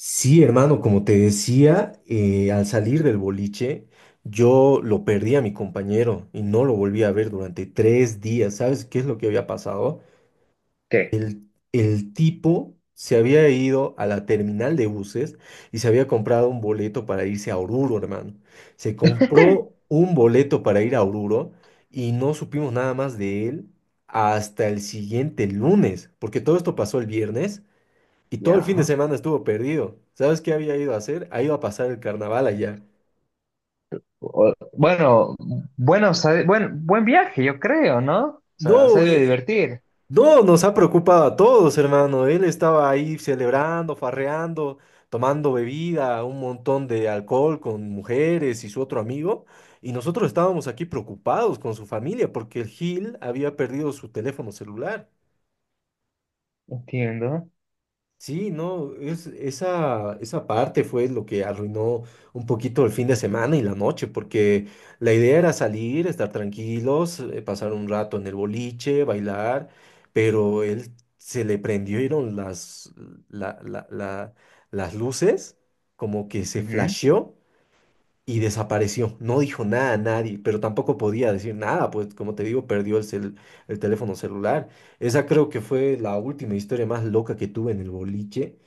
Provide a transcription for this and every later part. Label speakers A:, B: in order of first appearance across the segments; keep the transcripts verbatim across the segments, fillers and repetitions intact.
A: Sí, hermano, como te decía, eh, al salir del boliche, yo lo perdí a mi compañero y no lo volví a ver durante tres días. ¿Sabes qué es lo que había pasado?
B: Sí.
A: El, el tipo se había ido a la terminal de buses y se había comprado un boleto para irse a Oruro, hermano. Se compró un boleto para ir a Oruro y no supimos nada más de él hasta el siguiente lunes, porque todo esto pasó el viernes. Y todo el fin de
B: Ya.
A: semana estuvo perdido. ¿Sabes qué había ido a hacer? Ha ido a pasar el carnaval allá.
B: O- Bueno, bueno, sabe- buen, buen viaje, yo creo, ¿no? O sea, se ha
A: No,
B: de
A: eh,
B: divertir.
A: no, nos ha preocupado a todos, hermano. Él estaba ahí celebrando, farreando, tomando bebida, un montón de alcohol con mujeres y su otro amigo. Y nosotros estábamos aquí preocupados con su familia porque el Gil había perdido su teléfono celular.
B: Entiendo.
A: Sí, no, es, esa, esa parte fue lo que arruinó un poquito el fin de semana y la noche, porque la idea era salir, estar tranquilos, eh, pasar un rato en el boliche, bailar, pero él se le prendieron las, la- la- la- las luces, como que se
B: Ujú.
A: flasheó y desapareció. No dijo nada a nadie, pero tampoco podía decir nada, pues como te digo, perdió el, cel- el teléfono celular. Esa creo que fue la última historia más loca que tuve en el boliche.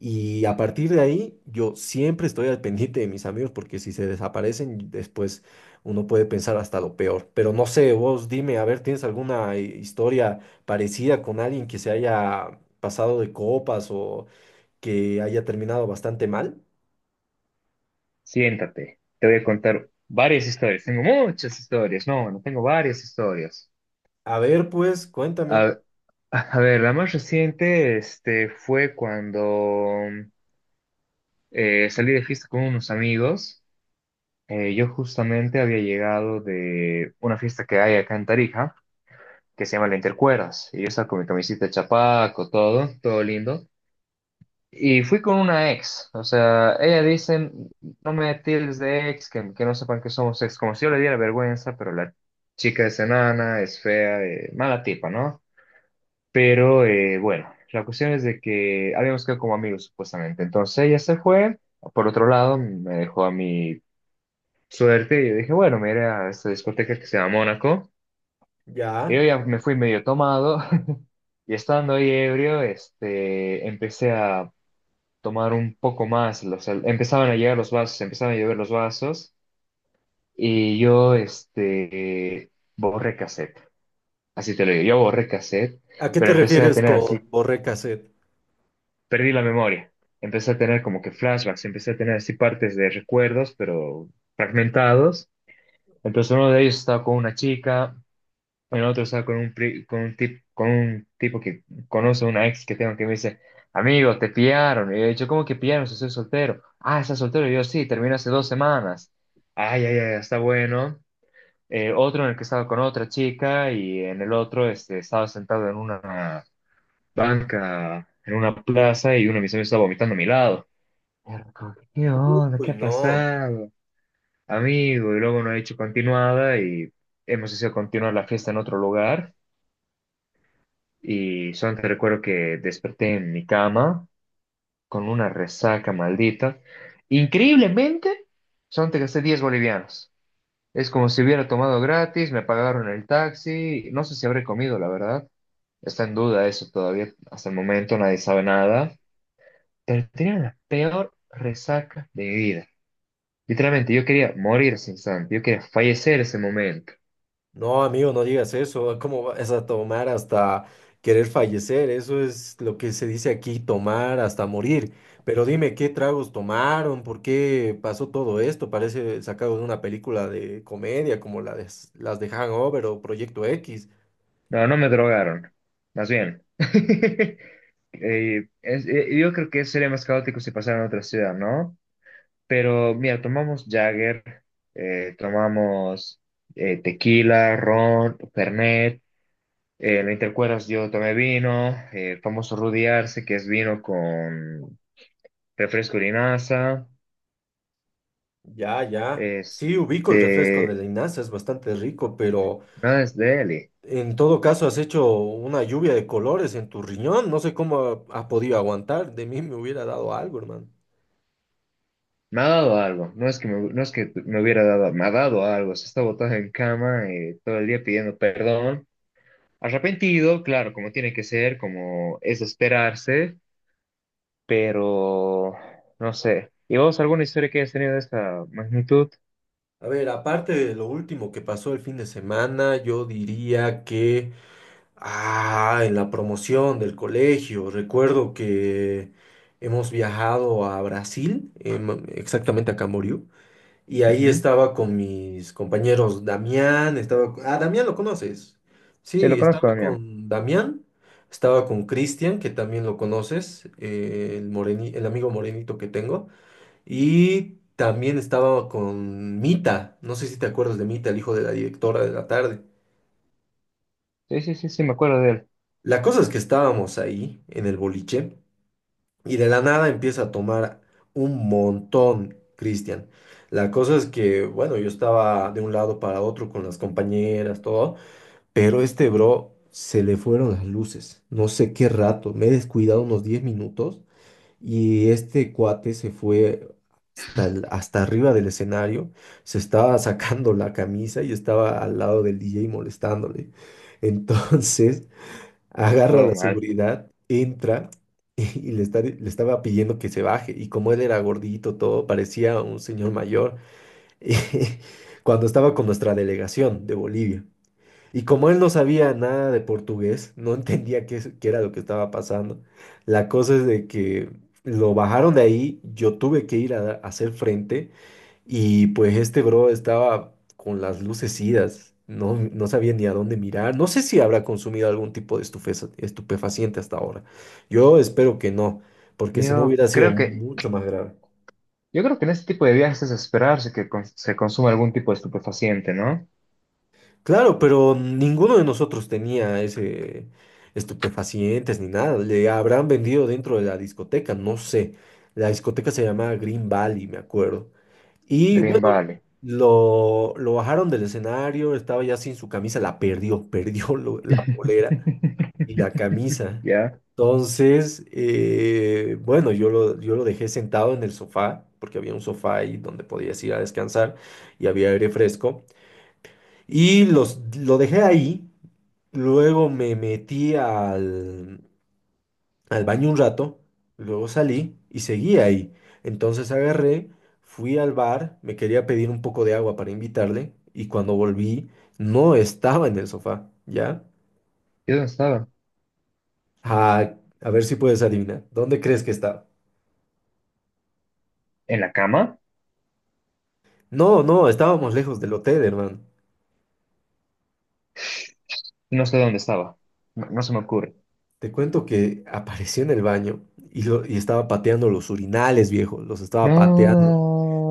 A: Y a partir de ahí, yo siempre estoy al pendiente de mis amigos porque si se desaparecen, después uno puede pensar hasta lo peor. Pero no sé, vos dime, a ver, ¿tienes alguna eh, historia parecida con alguien que se haya pasado de copas o que haya terminado bastante mal?
B: Siéntate. Te voy a contar varias historias. Tengo muchas historias. No, no tengo varias historias.
A: A ver, pues, cuéntame.
B: A, a ver, la más reciente, este, fue cuando eh, salí de fiesta con unos amigos. Eh, yo justamente había llegado de una fiesta que hay acá en Tarija, que se llama La Intercuerdas. Y yo estaba con mi camisita de chapaco, todo, todo lindo. Y fui con una ex. O sea, ella dice, no me tildes de ex, que, que no sepan que somos ex, como si yo le diera vergüenza, pero la chica es enana, es fea, eh, mala tipa, ¿no? Pero eh, bueno, la cuestión es de que habíamos quedado como amigos supuestamente. Entonces ella se fue por otro lado, me dejó a mi suerte y yo dije, bueno, me iré a esta discoteca que se llama Mónaco. Y yo
A: Ya.
B: ya me fui medio tomado y estando ahí ebrio, este, empecé a tomar un poco más. O sea, empezaban a llegar los vasos, empezaban a llover los vasos y yo, este, borré cassette, así te lo digo, yo borré cassette,
A: ¿A qué te
B: pero empecé a
A: refieres
B: tener
A: con
B: así,
A: borré cassette?
B: perdí la memoria, empecé a tener como que flashbacks, empecé a tener así partes de recuerdos, pero fragmentados. Entonces uno de ellos estaba con una chica. El otro estaba con un, pri- con un, tip- con un tipo que conoce a una ex que tengo que me dice, amigo, te pillaron. Y yo, yo, ¿cómo que pillaron? Si soy soltero. Ah, ¿estás soltero? Y yo, sí, terminé hace dos semanas. Ay, ay, ay, está bueno. Eh, otro en el que estaba con otra chica, y en el otro este, estaba sentado en una banca, en una plaza, y uno de mis amigos estaba vomitando a mi lado. Y yo, como que, ¿qué onda?
A: Uy,
B: ¿Qué ha
A: no,
B: pasado? Amigo, y luego no he hecho continuada y hemos decidido continuar la fiesta en otro lugar. Y solamente recuerdo que desperté en mi cama con una resaca maldita. Increíblemente, solamente gasté diez bolivianos. Es como si hubiera tomado gratis, me pagaron el taxi. No sé si habré comido, la verdad. Está en duda eso todavía. Hasta el momento nadie sabe nada. Pero tenía la peor resaca de mi vida. Literalmente, yo quería morir ese instante. Yo quería fallecer ese momento.
A: no, amigo, no digas eso. Ah, ¿cómo vas a tomar hasta querer fallecer? Eso es lo que se dice aquí, tomar hasta morir. Pero dime, ¿qué tragos tomaron? ¿Por qué pasó todo esto? Parece sacado de una película de comedia como la de, las de Hangover o Proyecto X.
B: No, no me drogaron. Más bien. Eh, es- eh, yo creo que sería más caótico si pasara en otra ciudad, ¿no? Pero mira, tomamos Jagger, eh, tomamos eh, tequila, ron, Fernet. Eh, ¿no te acuerdas? Yo tomé vino, eh, famoso Rudy Arce, que es vino con refresco de linaza.
A: Ya, ya. Sí, ubico el refresco de
B: Este,
A: la Inaza, es bastante rico, pero
B: nada es de Eli.
A: en todo caso, has hecho una lluvia de colores en tu riñón. No sé cómo ha, ha podido aguantar. De mí me hubiera dado algo, hermano.
B: Me ha dado algo. No es que me, no es que me hubiera dado, me ha dado algo. Se está botado en cama eh, todo el día pidiendo perdón. Arrepentido, claro, como tiene que ser, como es de esperarse, pero no sé. ¿Y vos alguna historia que hayas tenido de esta magnitud?
A: A ver, aparte de lo último que pasó el fin de semana, yo diría que, ah, en la promoción del colegio, recuerdo que hemos viajado a Brasil, em, exactamente a Camboriú. Y ahí
B: Ujú.
A: estaba con mis compañeros Damián, estaba... Ah, Damián lo conoces.
B: Sí, lo
A: Sí, estaba
B: conozco, Damián.
A: con Damián, estaba con Cristian, que también lo conoces, eh, el moreni- el amigo morenito que tengo. Y también estaba con Mita, no sé si te acuerdas de Mita, el hijo de la directora de la tarde.
B: Sí, sí, sí, sí, me acuerdo de él.
A: La cosa es que estábamos ahí en el boliche y de la nada empieza a tomar un montón, Cristian. La cosa es que, bueno, yo estaba de un lado para otro con las compañeras, todo, pero este bro se le fueron las luces. No sé qué rato, me he descuidado unos diez minutos y este cuate se fue hasta, el- hasta arriba del escenario, se estaba sacando la camisa y estaba al lado del D J molestándole. Entonces agarra
B: Todo
A: la
B: mal.
A: seguridad, entra y, y le, está- le estaba pidiendo que se baje. Y como él era gordito, todo, parecía un señor mayor cuando estaba con nuestra delegación de Bolivia. Y como él no sabía nada de portugués, no entendía qué, es- qué era lo que estaba pasando. La cosa es de que lo bajaron de ahí, yo tuve que ir a a hacer frente. Y pues este bro estaba con las luces idas, no, no sabía ni a dónde mirar. No sé si habrá consumido algún tipo de estufeza- estupefaciente hasta ahora. Yo espero que no, porque si no
B: Yo
A: hubiera sido
B: creo que,
A: mucho más grave.
B: yo creo que en este tipo de viajes es esperarse que cons- se consuma algún tipo de estupefaciente, ¿no?
A: Claro, pero ninguno de nosotros tenía ese estupefacientes ni nada. Le habrán vendido dentro de la discoteca, no sé. La discoteca se llamaba Green Valley, me acuerdo. Y bueno,
B: Green Valley.
A: lo, lo bajaron del escenario, estaba ya sin su camisa, la perdió, perdió lo- la polera y la camisa.
B: ¿Ya?
A: Entonces, eh, bueno, yo lo, yo lo dejé sentado en el sofá, porque había un sofá ahí donde podías ir a descansar y había aire fresco. Y los, lo dejé ahí, luego me metí al baño un rato, luego salí y seguí ahí. Entonces agarré, fui al bar, me quería pedir un poco de agua para invitarle y cuando volví no estaba en el sofá, ¿ya?
B: ¿Yo dónde estaba?
A: Ah, a ver si puedes adivinar. ¿Dónde crees que estaba?
B: ¿En la cama?
A: No, no, estábamos lejos del hotel, hermano.
B: No sé dónde estaba. No, no se me ocurre.
A: Te cuento que apareció en el baño y, lo- y estaba pateando los urinales, viejo. Los estaba pateando.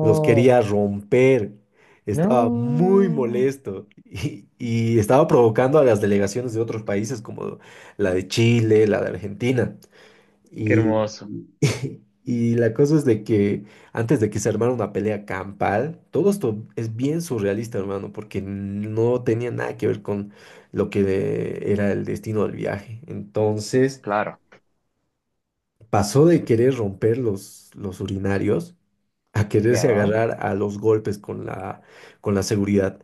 A: Los quería romper. Estaba muy
B: No,
A: molesto y, y estaba provocando a las delegaciones de otros países como la de Chile, la de Argentina.
B: qué
A: Y,
B: hermoso.
A: y la cosa es de que antes de que se armara una pelea campal, todo esto es bien surrealista, hermano, porque no tenía nada que ver con lo que era el destino del viaje. Entonces
B: Claro,
A: pasó de querer romper los, los urinarios a quererse
B: ya.
A: agarrar a los golpes con la, con la seguridad.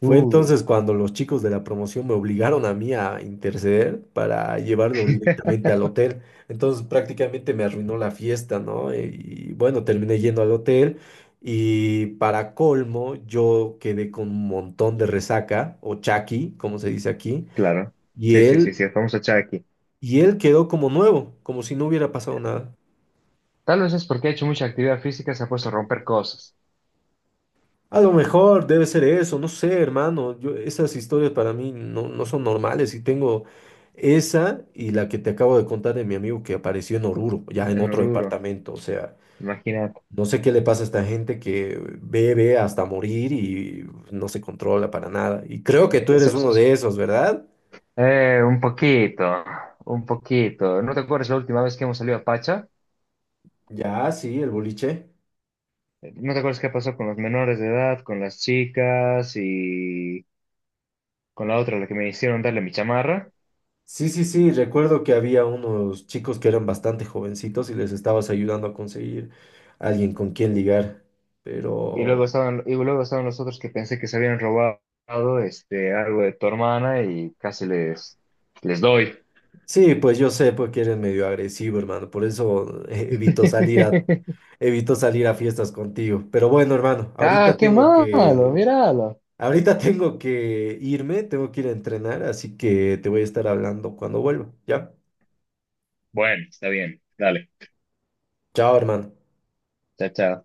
A: Fue
B: Uy,
A: entonces cuando los chicos de la promoción me obligaron a mí a interceder para llevarlo directamente al hotel. Entonces prácticamente me arruinó la fiesta, ¿no? Y bueno, terminé yendo al hotel y para colmo yo quedé con un montón de resaca o chaki, como se dice aquí,
B: claro.
A: y
B: Sí, sí, sí,
A: él
B: sí, vamos a echar aquí.
A: y él quedó como nuevo, como si no hubiera pasado
B: Ya.
A: nada.
B: Tal vez es porque ha hecho mucha actividad física, se ha puesto a romper cosas.
A: A lo mejor debe ser eso, no sé, hermano. Yo, esas historias para mí no, no son normales y tengo esa y la que te acabo de contar de mi amigo que apareció en Oruro, ya en
B: En
A: otro
B: Oruro,
A: departamento. O sea,
B: imagínate.
A: no sé qué le pasa a esta gente que bebe hasta morir y no se controla para nada. Y creo que tú
B: Es-
A: eres
B: es-
A: uno
B: es-
A: de esos, ¿verdad?
B: Eh, un poquito, un poquito. ¿No te acuerdas la última vez que hemos salido a Pacha?
A: Ya, sí, el boliche.
B: ¿No te acuerdas qué pasó con los menores de edad, con las chicas y con la otra, la que me hicieron darle mi chamarra?
A: Sí, sí, sí, recuerdo que había unos chicos que eran bastante jovencitos y les estabas ayudando a conseguir alguien con quien ligar,
B: Y
A: pero...
B: luego estaban, y luego estaban los otros que pensé que se habían robado este, algo de tu hermana y casi les, les doy.
A: Sí, pues yo sé porque eres medio agresivo, hermano. Por eso eh, evito salir a, evito salir a fiestas contigo. Pero bueno, hermano,
B: Ah,
A: ahorita
B: qué
A: tengo
B: malo,
A: que,
B: míralo.
A: ahorita tengo que irme, tengo que ir a entrenar, así que te voy a estar hablando cuando vuelva. ¿Ya?
B: Bueno, está bien, dale.
A: Chao, hermano.
B: Chao, chao.